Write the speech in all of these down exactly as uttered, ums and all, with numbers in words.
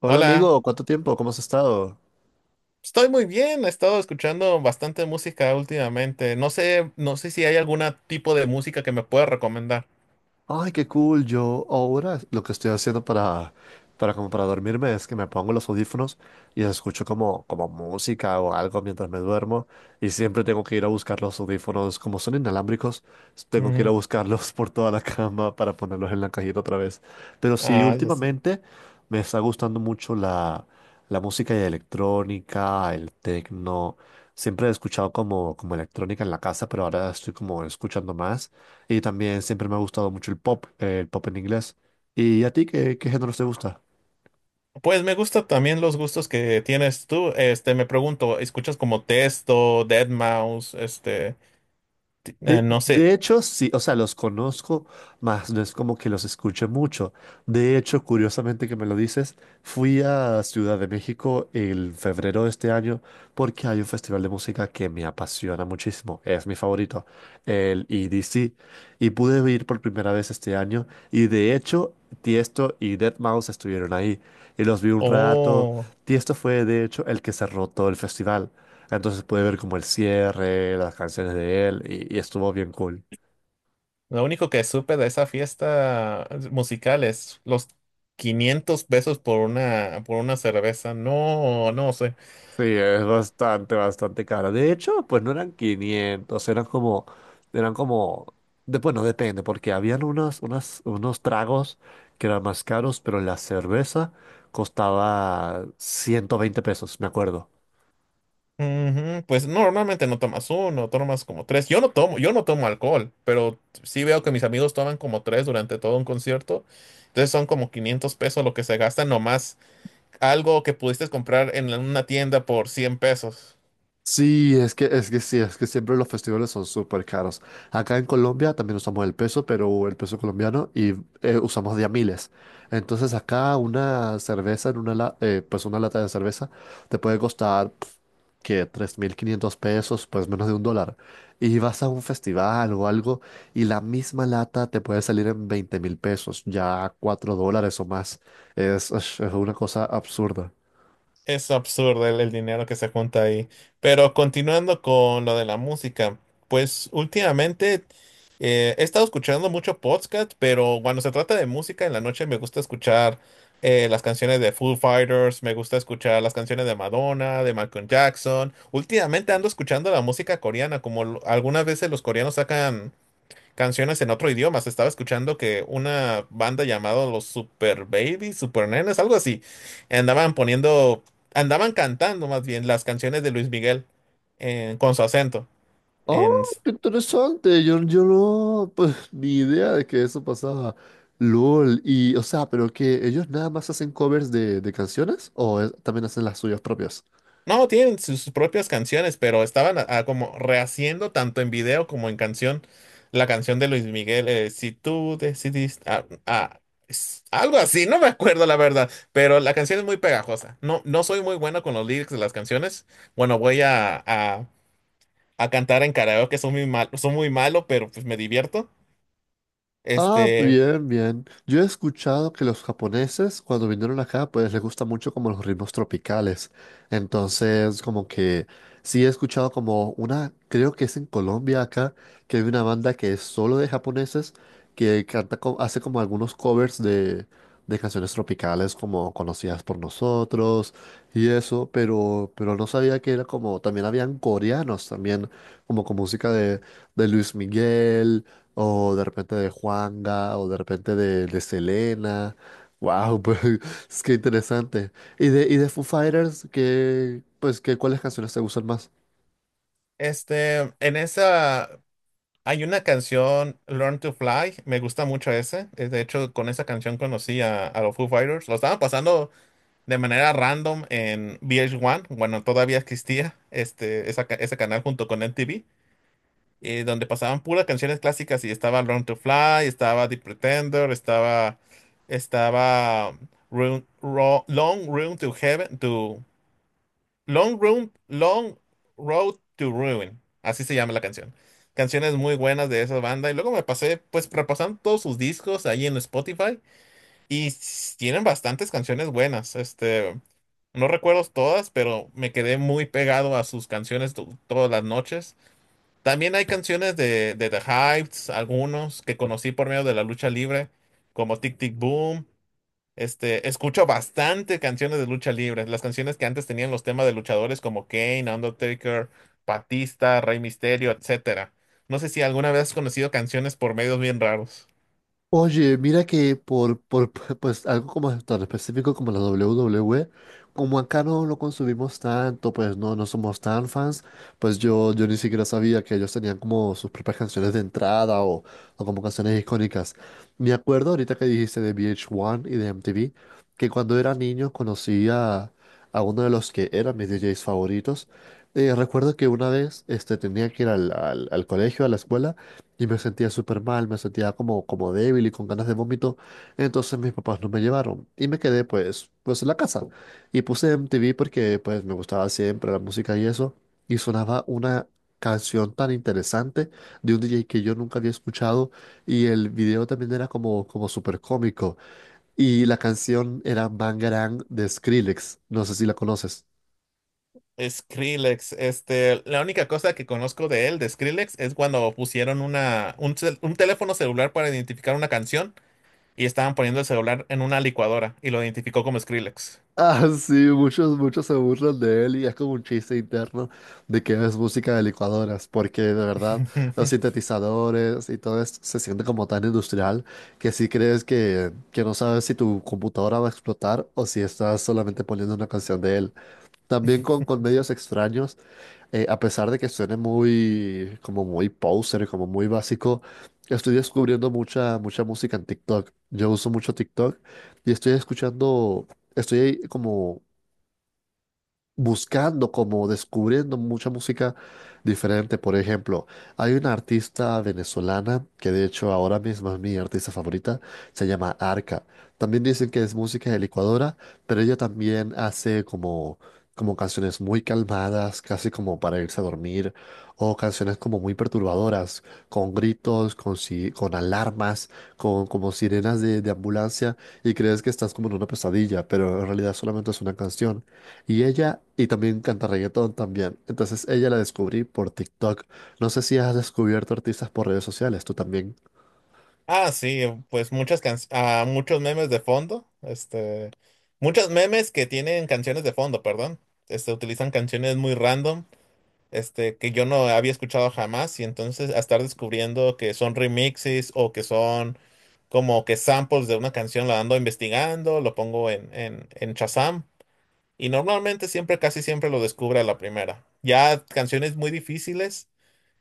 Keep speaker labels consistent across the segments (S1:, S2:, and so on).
S1: Hola
S2: Hola,
S1: amigo, ¿cuánto tiempo? ¿Cómo has estado?
S2: estoy muy bien, he estado escuchando bastante música últimamente. No sé, no sé si hay algún tipo de música que me pueda recomendar.
S1: Ay, qué cool. Yo ahora lo que estoy haciendo para, para como para dormirme es que me pongo los audífonos y escucho como, como música o algo mientras me duermo. Y siempre tengo que ir a buscar los audífonos. Como son inalámbricos, tengo que ir a
S2: Ujú.
S1: buscarlos por toda la cama para ponerlos en la cajita otra vez. Pero sí,
S2: Ah, ya sé.
S1: últimamente me está gustando mucho la, la música electrónica, el techno. Siempre he escuchado como, como electrónica en la casa, pero ahora estoy como escuchando más. Y también siempre me ha gustado mucho el pop, eh, el pop en inglés. ¿Y a ti qué, qué géneros te gusta?
S2: Pues me gustan también los gustos que tienes tú. Este, me pregunto, ¿escuchas como Testo, dead mau cinco? Este, ti- eh,
S1: De,
S2: no sé.
S1: de hecho, sí, o sea, los conozco, más no es como que los escuche mucho. De hecho, curiosamente que me lo dices, fui a Ciudad de México el febrero de este año porque hay un festival de música que me apasiona muchísimo, es mi favorito, el E D C, y pude ir por primera vez este año y de hecho, Tiesto y dead mouse estuvieron ahí y los vi un rato.
S2: Oh,
S1: Tiesto fue de hecho el que cerró todo el festival. Entonces pude ver como el cierre, las canciones de él y, y estuvo bien cool.
S2: lo único que supe de esa fiesta musical es los quinientos pesos por una, por una cerveza. No, no sé.
S1: Sí, es bastante, bastante cara. De hecho, pues no eran quinientos, eran como, eran como, de, bueno, depende, porque habían unos, unas, unos tragos que eran más caros, pero la cerveza costaba ciento veinte pesos, me acuerdo.
S2: Ujú, pues no, normalmente no tomas uno, tomas como tres. Yo no tomo, yo no tomo alcohol, pero sí veo que mis amigos toman como tres durante todo un concierto. Entonces son como quinientos pesos lo que se gasta nomás algo que pudiste comprar en la- una tienda por cien pesos.
S1: Sí, es que, es que sí, es que siempre los festivales son súper caros. Acá en Colombia también usamos el peso, pero el peso colombiano y eh, usamos de a miles. Entonces acá una cerveza, en una la- eh, pues una lata de cerveza, te puede costar que tres mil quinientos pesos, pues menos de un dólar. Y vas a un festival o algo y la misma lata te puede salir en veinte mil pesos, ya cuatro dólares o más. Es, es una cosa absurda.
S2: Es absurdo el, el dinero que se junta ahí. Pero continuando con lo de la música, pues últimamente eh, he estado escuchando mucho podcast, pero cuando se trata de música en la noche me gusta escuchar eh, las canciones de Foo Fighters, me gusta escuchar las canciones de Madonna, de Michael Jackson. Últimamente ando escuchando la música coreana, como lo- algunas veces los coreanos sacan canciones en otro idioma. Se estaba escuchando que una banda llamada los Super Baby, Super Nenes, algo así, andaban poniendo, andaban cantando más bien las canciones de Luis Miguel en- con su acento
S1: Oh,
S2: en,
S1: qué interesante. Yo, yo no, pues ni idea de que eso pasaba. LOL. Y, o sea, pero que ellos nada más hacen covers de, de canciones o es- también hacen las suyas propias.
S2: No, tienen sus propias canciones, pero estaban a- a como rehaciendo tanto en video como en canción la canción de Luis Miguel, eh, si tú decidiste, ah, ah, es- algo así, no me acuerdo la verdad, pero la canción es muy pegajosa. No, no soy muy bueno con los lyrics de las canciones. Bueno, voy a, a- a cantar en karaoke, son muy mal, son muy malo, pero pues me divierto.
S1: Ah,
S2: Este,
S1: bien, bien. Yo he escuchado que los japoneses cuando vinieron acá, pues les gusta mucho como los ritmos tropicales. Entonces, como que sí he escuchado como una, creo que es en Colombia acá, que hay una banda que es solo de japoneses que canta, co- hace como algunos covers de, de canciones tropicales como conocidas por nosotros y eso, pero, pero no sabía que era como, también habían coreanos también, como con música de, de Luis Miguel, o de repente de Juanga, o de repente de, de Selena. Wow, pues es que interesante. Y de, y de Foo Fighters, que, pues, que, ¿cuáles canciones te gustan más?
S2: este, en esa Hay una canción, Learn to Fly, me gusta mucho ese. Eh, De hecho, con esa canción conocí a, a los Foo Fighters. Lo estaban pasando de manera random en V H uno, bueno, todavía existía este, esa ca- ese canal junto con M T V, eh, donde pasaban puras canciones clásicas y estaba Learn to Fly, estaba The Pretender, estaba, estaba Room- Ro- Long Room to Heaven, To Long Room, Long Road to Ruin. Así se llama la canción. Canciones muy buenas de esa banda. Y luego me pasé, pues, repasando todos sus discos ahí en Spotify. Y s- tienen bastantes canciones buenas. Este, no recuerdo todas, pero me quedé muy pegado a sus canciones to- todas las noches. También hay canciones de, de The Hives, algunos que conocí por medio de la lucha libre, como Tic Tic Boom. Este, escucho bastante canciones de lucha libre. Las canciones que antes tenían los temas de luchadores como Kane, Undertaker, Batista, Rey Misterio, etcétera. No sé si alguna vez has conocido canciones por medios bien raros.
S1: Oye, mira que por, por pues algo como tan específico como la W W E, como acá no lo consumimos tanto, pues no, no somos tan fans, pues yo, yo ni siquiera sabía que ellos tenían como sus propias canciones de entrada o, o como canciones icónicas. Me acuerdo ahorita que dijiste de V H uno y de M T V, que cuando era niño conocí a, a uno de los que eran mis D Js favoritos. Eh, recuerdo que una vez este, tenía que ir al, al al colegio, a la escuela, y me sentía súper mal, me sentía como, como débil y con ganas de vómito. Entonces mis papás no me llevaron y me quedé pues, pues en la casa. Y puse M T V porque pues me gustaba siempre la música y eso. Y sonaba una canción tan interesante de un D J que yo nunca había escuchado. Y el video también era como, como súper cómico. Y la canción era Bangarang de Skrillex. No sé si la conoces.
S2: Skrillex, este, la única cosa que conozco de él, de Skrillex, es cuando pusieron una, un, cel- un teléfono celular para identificar una canción y estaban poniendo el celular en una licuadora y lo identificó como Skrillex.
S1: Ah, sí, muchos, muchos se burlan de él y es como un chiste interno de que es música de licuadoras, porque de verdad los sintetizadores y todo esto se siente como tan industrial que sí crees que, que no sabes si tu computadora va a explotar o si estás solamente poniendo una canción de él. También con, con medios extraños, eh, a pesar de que suene muy, como muy poser, como muy básico, estoy descubriendo mucha, mucha música en TikTok. Yo uso mucho TikTok y estoy escuchando. Estoy como buscando, como descubriendo mucha música diferente. Por ejemplo, hay una artista venezolana que de hecho ahora mismo es mi artista favorita, se llama Arca. También dicen que es música de licuadora, pero ella también hace como, como canciones muy calmadas, casi como para irse a dormir, o canciones como muy perturbadoras, con gritos, con, si- con alarmas, con como sirenas de, de ambulancia, y crees que estás como en una pesadilla, pero en realidad solamente es una canción. Y ella, y también canta reggaetón también. Entonces ella la descubrí por TikTok. No sé si has descubierto artistas por redes sociales, tú también.
S2: Ah, sí, em, pues muchas can... ah, muchos memes de fondo, este, muchos memes que tienen canciones de fondo, perdón, este, utilizan canciones muy random, este, que yo no había escuchado jamás y entonces a estar descubriendo que son remixes o que son como que samples de una canción, la ando investigando, lo pongo en, en, en Shazam y normalmente siempre, casi siempre lo descubre a la primera. Ya canciones muy difíciles.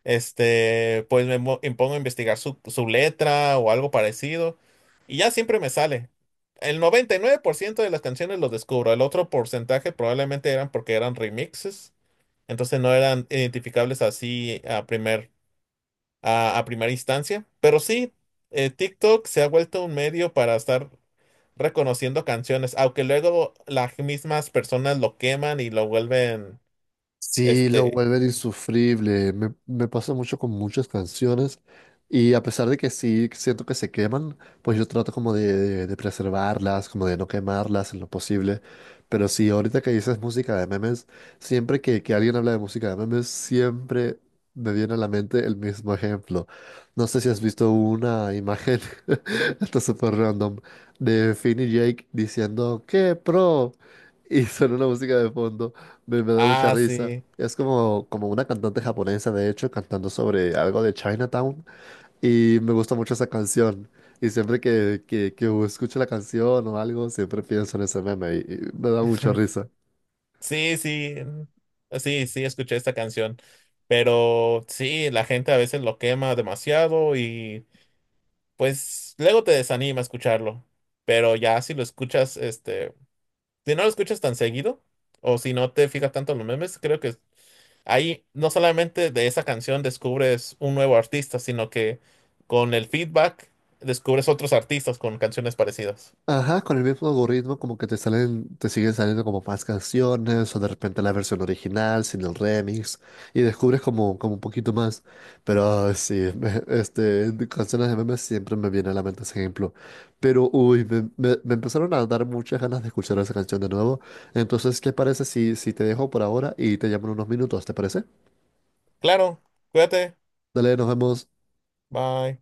S2: Este, pues me mo- me pongo a investigar su, su letra o algo parecido y ya siempre me sale. El noventa y nueve por ciento de las canciones los descubro, el otro porcentaje probablemente eran porque eran remixes, entonces no eran identificables así a primer, a, a primera instancia. Pero sí, eh, TikTok se ha vuelto un medio para estar reconociendo canciones, aunque luego las mismas personas lo queman y lo vuelven.
S1: Sí, lo
S2: este,
S1: vuelven insufrible. Me, me pasa mucho con muchas canciones y a pesar de que sí siento que se queman, pues yo trato como de, de- de preservarlas, como de no quemarlas en lo posible. Pero sí, ahorita que dices música de memes, siempre que, que alguien habla de música de memes, siempre me viene a la mente el mismo ejemplo. No sé si has visto una imagen, esto es súper random, de Finn y Jake diciendo, ¡Qué pro! Y suena una música de fondo. Me, me da mucha
S2: ah,
S1: risa.
S2: sí.
S1: Es como, como una cantante japonesa, de hecho, cantando sobre algo de Chinatown. Y me gusta mucho esa canción. Y siempre que, que, que escucho la canción o algo, siempre pienso en ese meme y, y me da mucha risa.
S2: Sí, sí, sí, sí, escuché esta canción, pero sí, la gente a veces lo quema demasiado y pues luego te desanima escucharlo, pero ya si lo escuchas, este, si no lo escuchas tan seguido o si no te fijas tanto en los memes, creo que ahí no solamente de esa canción descubres un nuevo artista, sino que con el feedback descubres otros artistas con canciones parecidas.
S1: Ajá, con el mismo algoritmo como que te salen, te siguen saliendo como más canciones o de repente la versión original sin el remix y descubres como, como un poquito más. Pero ay, sí, me- este, de canciones de memes siempre me viene a la mente ese ejemplo. Pero uy, me, me- me empezaron a dar muchas ganas de escuchar esa canción de nuevo. Entonces, ¿qué parece si, si te dejo por ahora y te llamo en unos minutos? ¿Te parece?
S2: Claro, cuídate,
S1: Dale, nos vemos.
S2: bye.